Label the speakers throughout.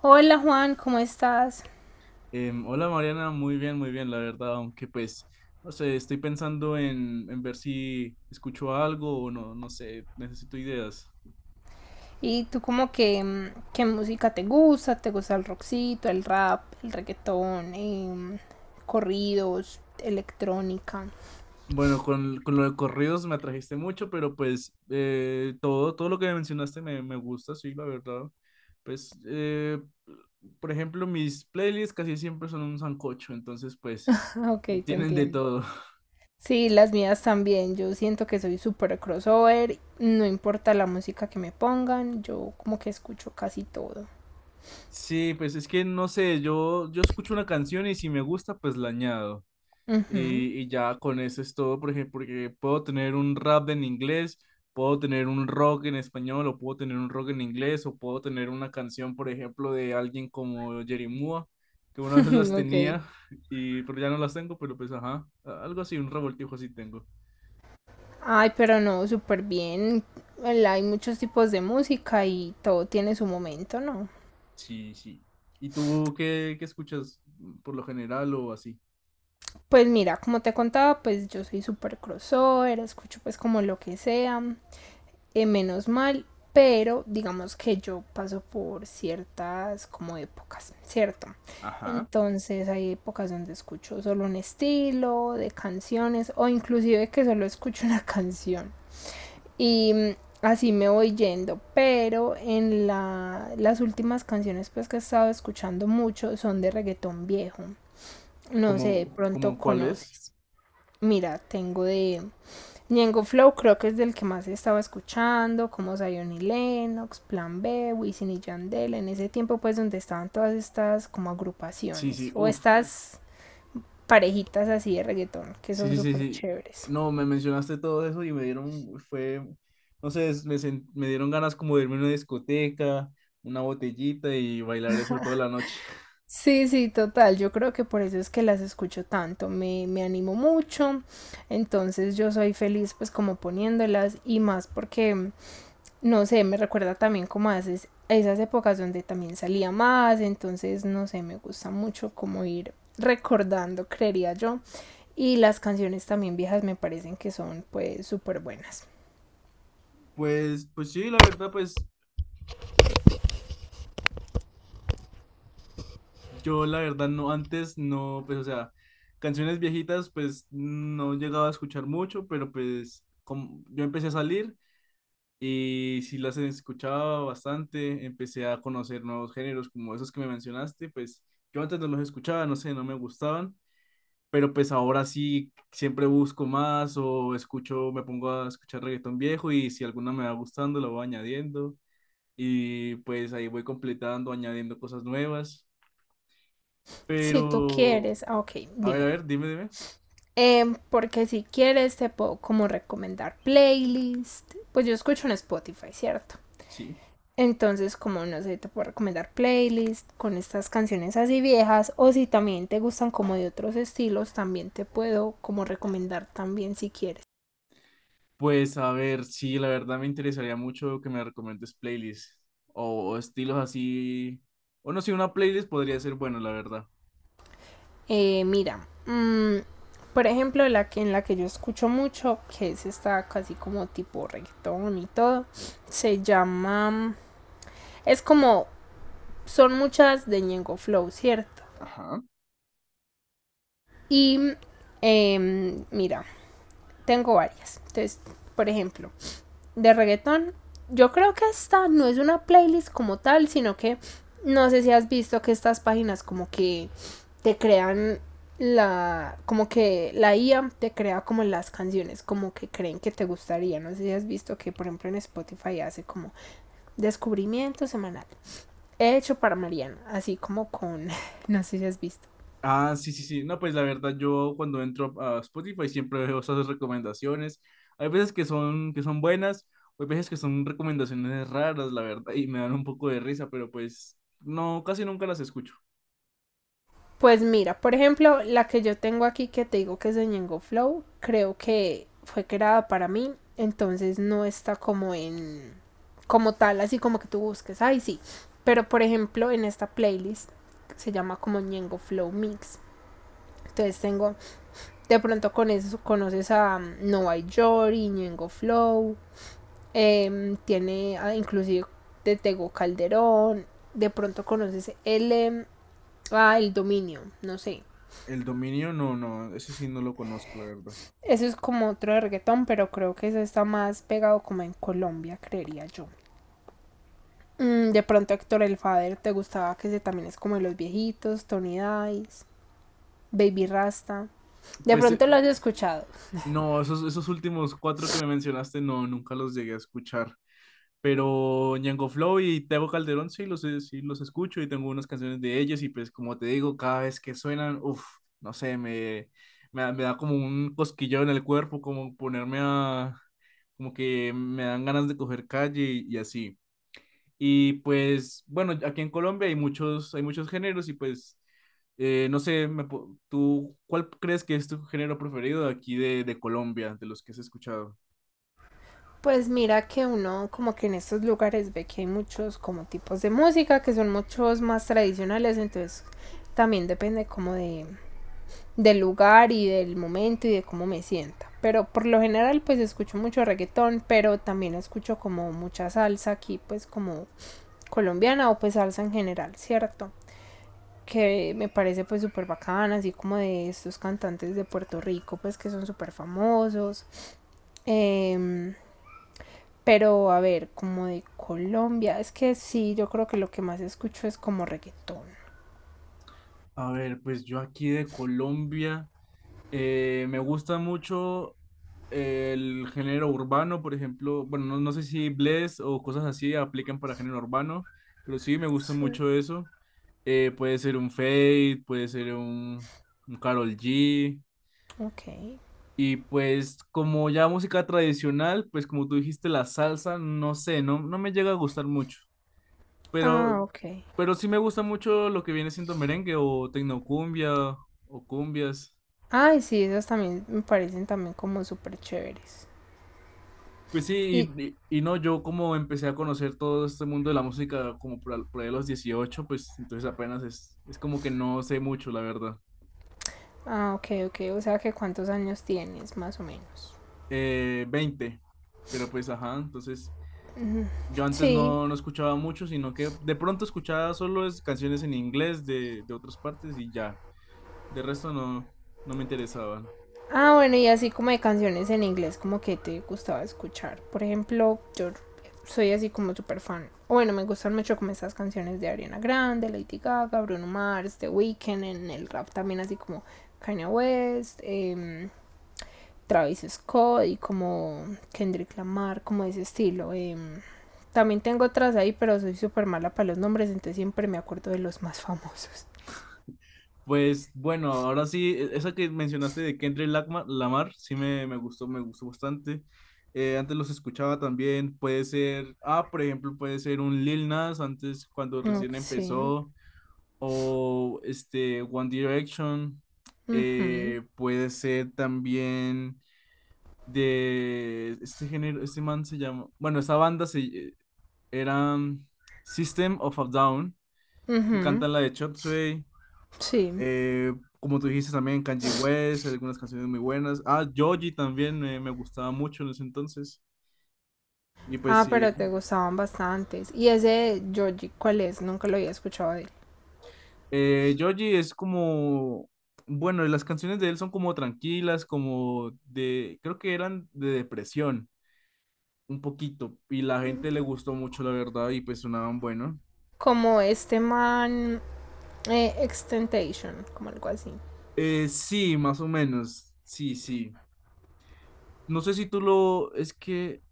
Speaker 1: Hola Juan, ¿cómo estás?
Speaker 2: Hola Mariana, muy bien, la verdad, aunque pues, no sé, estoy pensando en ver si escucho algo o no, no sé, necesito ideas.
Speaker 1: ¿Y tú como que qué música te gusta? ¿Te gusta el rockcito, el rap, el reggaetón, corridos, electrónica?
Speaker 2: Bueno, con lo de corridos me atrajiste mucho, pero pues todo lo que mencionaste me gusta, sí, la verdad. Pues, por ejemplo, mis playlists casi siempre son un sancocho, entonces pues
Speaker 1: Ah, ok, te
Speaker 2: tienen de
Speaker 1: entiendo.
Speaker 2: todo.
Speaker 1: Sí, las mías también. Yo siento que soy súper crossover. No importa la música que me pongan, yo como que escucho casi todo.
Speaker 2: Sí, pues es que no sé, yo escucho una canción y si me gusta, pues la añado.
Speaker 1: Ujú.
Speaker 2: Y ya con eso es todo, por ejemplo, porque puedo tener un rap en inglés, puedo tener un rock en español, o puedo tener un rock en inglés, o puedo tener una canción, por ejemplo, de alguien como Jerry Mua, que una vez las
Speaker 1: Ok.
Speaker 2: tenía, pero ya no las tengo, pero pues ajá, algo así, un revoltijo así tengo.
Speaker 1: Ay, pero no, súper bien. Hay muchos tipos de música y todo tiene su momento, ¿no?
Speaker 2: Sí, sí. ¿Y tú qué escuchas por lo general o así?
Speaker 1: Pues mira, como te contaba, pues yo soy súper crossover, escucho pues como lo que sea, menos mal, pero digamos que yo paso por ciertas como épocas, ¿cierto?
Speaker 2: Ajá.
Speaker 1: Entonces hay épocas donde escucho solo un estilo de canciones o inclusive que solo escucho una canción y así me voy yendo, pero en las últimas canciones pues que he estado escuchando mucho son de reggaetón viejo, no sé, de
Speaker 2: ¿Cómo,
Speaker 1: pronto
Speaker 2: cómo cuál es?
Speaker 1: conoces. Mira, tengo de Ñengo Flow, creo que es del que más estaba escuchando, como Zion y Lennox, Plan B, Wisin y Yandel, en ese tiempo pues donde estaban todas estas como
Speaker 2: Sí,
Speaker 1: agrupaciones
Speaker 2: sí,
Speaker 1: o
Speaker 2: uff.
Speaker 1: estas parejitas así de reggaetón que
Speaker 2: Sí,
Speaker 1: son
Speaker 2: sí, sí,
Speaker 1: súper
Speaker 2: sí.
Speaker 1: chéveres.
Speaker 2: No, me mencionaste todo eso y me dieron, no sé, me dieron ganas como de irme a una discoteca, una botellita y bailar eso toda la noche.
Speaker 1: Sí, sí, total. Yo creo que por eso es que las escucho tanto. Me animo mucho. Entonces yo soy feliz pues como poniéndolas y más porque no sé, me recuerda también como a esas épocas donde también salía más, entonces no sé, me gusta mucho como ir recordando, creería yo. Y las canciones también viejas me parecen que son pues súper buenas.
Speaker 2: Pues sí, la verdad, pues yo la verdad no, antes no, pues o sea, canciones viejitas pues no llegaba a escuchar mucho, pero pues como yo empecé a salir y sí las escuchaba bastante, empecé a conocer nuevos géneros como esos que me mencionaste, pues yo antes no los escuchaba, no sé, no me gustaban. Pero pues ahora sí siempre busco más o escucho, me pongo a escuchar reggaetón viejo y si alguna me va gustando la voy añadiendo y pues ahí voy completando, añadiendo cosas nuevas,
Speaker 1: Si tú
Speaker 2: pero
Speaker 1: quieres, ah, ok,
Speaker 2: a
Speaker 1: dime.
Speaker 2: ver, dime, dime.
Speaker 1: Porque si quieres te puedo como recomendar playlist. Pues yo escucho en Spotify, ¿cierto?
Speaker 2: Sí.
Speaker 1: Entonces, como no sé, te puedo recomendar playlists con estas canciones así viejas o si también te gustan como de otros estilos, también te puedo como recomendar también si quieres.
Speaker 2: Pues a ver, sí, la verdad me interesaría mucho que me recomiendes playlists o estilos así, o no sé, una playlist podría ser bueno, la verdad.
Speaker 1: Mira, por ejemplo, la que en la que yo escucho mucho, que es esta casi como tipo reggaetón y todo, se llama, es como, son muchas de Ñengo Flow, ¿cierto?
Speaker 2: Ajá.
Speaker 1: Y mira, tengo varias. Entonces, por ejemplo, de reggaetón. Yo creo que esta no es una playlist como tal, sino que no sé si has visto que estas páginas como que te crean la como que la IA te crea como las canciones como que creen que te gustaría, no sé si has visto que por ejemplo en Spotify hace como descubrimiento semanal hecho para Mariana así como con no sé si has visto.
Speaker 2: Ah, sí, sí, sí. No, pues la verdad, yo cuando entro a Spotify siempre veo esas recomendaciones. Hay veces que son buenas, hay veces que son recomendaciones raras, la verdad, y me dan un poco de risa, pero pues no, casi nunca las escucho.
Speaker 1: Pues mira, por ejemplo, la que yo tengo aquí que te digo que es de Ñengo Flow, creo que fue creada para mí, entonces no está como en como tal, así como que tú busques, ay sí. Pero por ejemplo, en esta playlist se llama como Ñengo Flow Mix. Entonces tengo, de pronto con eso conoces a Nova Yori, Ñengo Flow, tiene a, inclusive de Tego Calderón, de pronto conoces el, ah, el dominio, no sé.
Speaker 2: El dominio, no, no, ese sí no lo conozco, la verdad.
Speaker 1: Eso es como otro de reggaetón, pero creo que eso está más pegado como en Colombia, creería yo. De pronto Héctor El Fader te gustaba, que ese también es como de los viejitos, Tony Dice, Baby Rasta. De
Speaker 2: Pues
Speaker 1: pronto lo has escuchado.
Speaker 2: no, esos últimos cuatro que me mencionaste, no, nunca los llegué a escuchar. Pero Ñengo Flow y Tego Calderón sí los escucho y tengo unas canciones de ellos y pues como te digo, cada vez que suenan, uff, no sé, me da como un cosquilleo en el cuerpo, como ponerme a, como que me dan ganas de coger calle y así. Y pues bueno, aquí en Colombia hay muchos géneros y pues no sé, ¿tú cuál crees que es tu género preferido de aquí de Colombia, de los que has escuchado?
Speaker 1: Pues mira que uno como que en estos lugares ve que hay muchos como tipos de música que son muchos más tradicionales, entonces también depende como de del lugar y del momento y de cómo me sienta. Pero por lo general pues escucho mucho reggaetón, pero también escucho como mucha salsa aquí pues como colombiana o pues salsa en general, ¿cierto? Que me parece pues súper bacana, así como de estos cantantes de Puerto Rico pues que son súper famosos. Eh, pero a ver, como de Colombia, es que sí, yo creo que lo que más escucho es como reggaetón.
Speaker 2: A ver, pues yo aquí de Colombia. Me gusta mucho el género urbano, por ejemplo. Bueno, no sé si Bless o cosas así aplican para género urbano, pero sí me gusta
Speaker 1: Sí.
Speaker 2: mucho eso. Puede ser un Fade, puede ser un Karol G.
Speaker 1: Ok.
Speaker 2: Y pues como ya música tradicional, pues como tú dijiste, la salsa, no sé, no me llega a gustar mucho.
Speaker 1: Ah,
Speaker 2: Pero,
Speaker 1: ok.
Speaker 2: pero sí me gusta mucho lo que viene siendo merengue o tecnocumbia o cumbias.
Speaker 1: Ay, sí, esas también me parecen también como súper chéveres.
Speaker 2: Pues sí,
Speaker 1: Y,
Speaker 2: y no, yo como empecé a conocer todo este mundo de la música como por ahí a los 18 pues entonces apenas es como que no sé mucho, la verdad.
Speaker 1: ah, ok, ok, o sea que cuántos años tienes, más o menos.
Speaker 2: 20, pero pues ajá, entonces yo antes
Speaker 1: Sí.
Speaker 2: no escuchaba mucho, sino que de pronto escuchaba solo es canciones en inglés de otras partes y ya, de resto no me interesaban.
Speaker 1: Ah, bueno, y así como de canciones en inglés, como que te gustaba escuchar. Por ejemplo, yo soy así como súper fan. Bueno, me gustan mucho como estas canciones de Ariana Grande, Lady Gaga, Bruno Mars, The Weeknd, en el rap también así como Kanye West, Travis Scott y como Kendrick Lamar, como de ese estilo. También tengo otras ahí, pero soy súper mala para los nombres, entonces siempre me acuerdo de los más famosos.
Speaker 2: Pues bueno, ahora sí, esa que mencionaste de Kendrick Lagma- Lamar, sí me gustó, me gustó bastante. Antes los escuchaba también, puede ser, ah, por ejemplo, puede ser un Lil Nas antes cuando
Speaker 1: Ok,
Speaker 2: recién
Speaker 1: sí.
Speaker 2: empezó, o este One Direction,
Speaker 1: Ujú,
Speaker 2: puede ser también de este género, este man se llama, bueno, esa banda era System of a Down, que
Speaker 1: ujú,
Speaker 2: cantan la de Chop Suey.
Speaker 1: sí.
Speaker 2: Eh, Como tú dijiste también, Kanye West, hay algunas canciones muy buenas. Ah, Joji también me gustaba mucho en ese entonces. Y pues
Speaker 1: Ah, pero
Speaker 2: sí,
Speaker 1: te gustaban bastantes. Y ese de Georgie, ¿cuál es? Nunca lo había escuchado de él.
Speaker 2: Joji es como, bueno, las canciones de él son como tranquilas, como de, creo que eran de depresión, un poquito. Y la gente le gustó mucho, la verdad, y pues sonaban bueno.
Speaker 1: Como este man Extentation, como algo así.
Speaker 2: Sí, más o menos, sí, sí. No sé si tú lo, es que,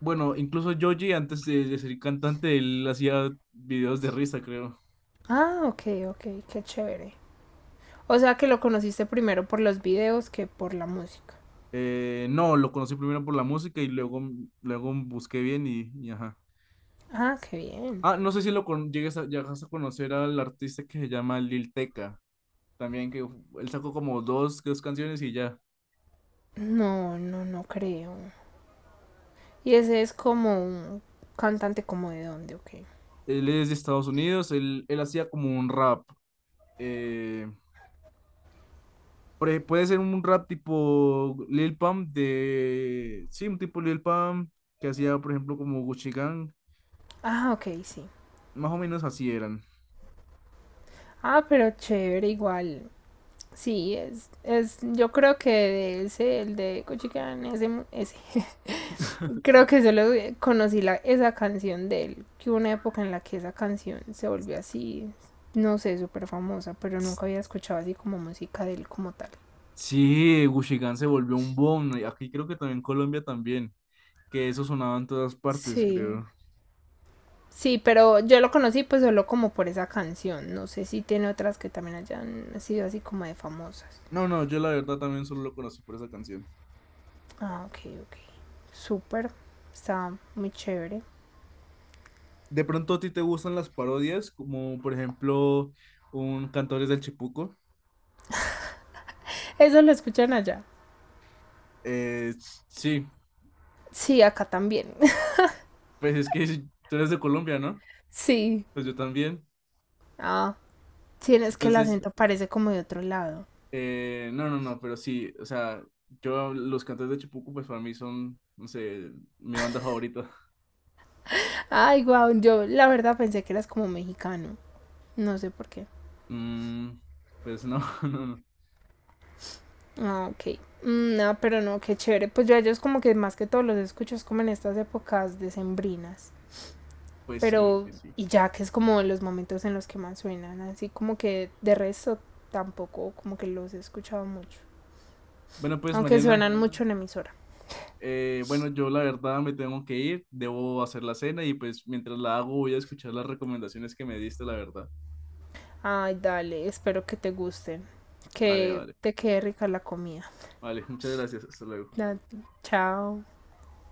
Speaker 2: bueno, incluso Joji antes de ser cantante, él hacía videos de risa, creo.
Speaker 1: Ah, ok, ok, qué chévere. O sea que lo conociste primero por los videos que por la música.
Speaker 2: No, lo conocí primero por la música y luego busqué bien y ajá.
Speaker 1: Ah, qué bien.
Speaker 2: Ah, no sé si lo con, llegues a, llegas a conocer al artista que se llama Lil Tecca, también que él sacó como dos canciones y ya.
Speaker 1: No, no, no creo. Y ese es como un cantante como de dónde, ok.
Speaker 2: Él es de Estados Unidos, él hacía como un rap. eh, Puede ser un rap tipo Lil Pump de... Sí, un tipo Lil Pump que hacía, por ejemplo, como Gucci Gang.
Speaker 1: Ah, ok, sí.
Speaker 2: Más o menos así eran.
Speaker 1: Ah, pero chévere, igual. Sí, es, yo creo que de ese, el de Cochican, ese, ese. creo que solo conocí la, esa canción de él, que hubo una época en la que esa canción se volvió así, no sé, súper famosa, pero nunca había escuchado así como música de él como tal.
Speaker 2: Sí, Gucci Gang se volvió un boom. Y aquí creo que también en Colombia también, que eso sonaba en todas partes,
Speaker 1: Sí,
Speaker 2: creo.
Speaker 1: sí, pero yo lo conocí pues solo como por esa canción. No sé si tiene otras que también hayan sido así como de famosas.
Speaker 2: No, no, yo la verdad también solo lo conocí por esa canción.
Speaker 1: Ah, ok, ok. Súper. Está muy chévere.
Speaker 2: De pronto a ti te gustan las parodias, como por ejemplo un Cantores del Chipuco.
Speaker 1: Eso lo escuchan allá.
Speaker 2: Eh, sí,
Speaker 1: Sí, acá también.
Speaker 2: pues es que sí, tú eres de Colombia, ¿no?
Speaker 1: Sí.
Speaker 2: Pues yo también.
Speaker 1: Ah, sí, es que el
Speaker 2: Entonces,
Speaker 1: acento parece como de otro lado.
Speaker 2: no, no, no, pero sí, o sea, yo los Cantores del Chipuco, pues para mí son, no sé, mi banda favorita.
Speaker 1: Ay, guau, yo la verdad pensé que eras como mexicano. No sé por qué.
Speaker 2: Mm, pues no, no, no.
Speaker 1: Ah, ok. No, pero no, qué chévere. Pues yo a ellos como que más que todo los escucho es como en estas épocas decembrinas.
Speaker 2: Pues sí,
Speaker 1: Pero,
Speaker 2: pues sí.
Speaker 1: y ya que es como los momentos en los que más suenan, así como que de resto tampoco como que los he escuchado mucho.
Speaker 2: Bueno, pues
Speaker 1: Aunque
Speaker 2: Mariana,
Speaker 1: suenan mucho en emisora.
Speaker 2: Bueno, yo la verdad me tengo que ir, debo hacer la cena y pues mientras la hago voy a escuchar las recomendaciones que me diste, la verdad.
Speaker 1: Ay, dale, espero que te gusten.
Speaker 2: Vale,
Speaker 1: Que
Speaker 2: vale,
Speaker 1: te quede rica la comida.
Speaker 2: vale, muchas gracias, hasta luego.
Speaker 1: Chao.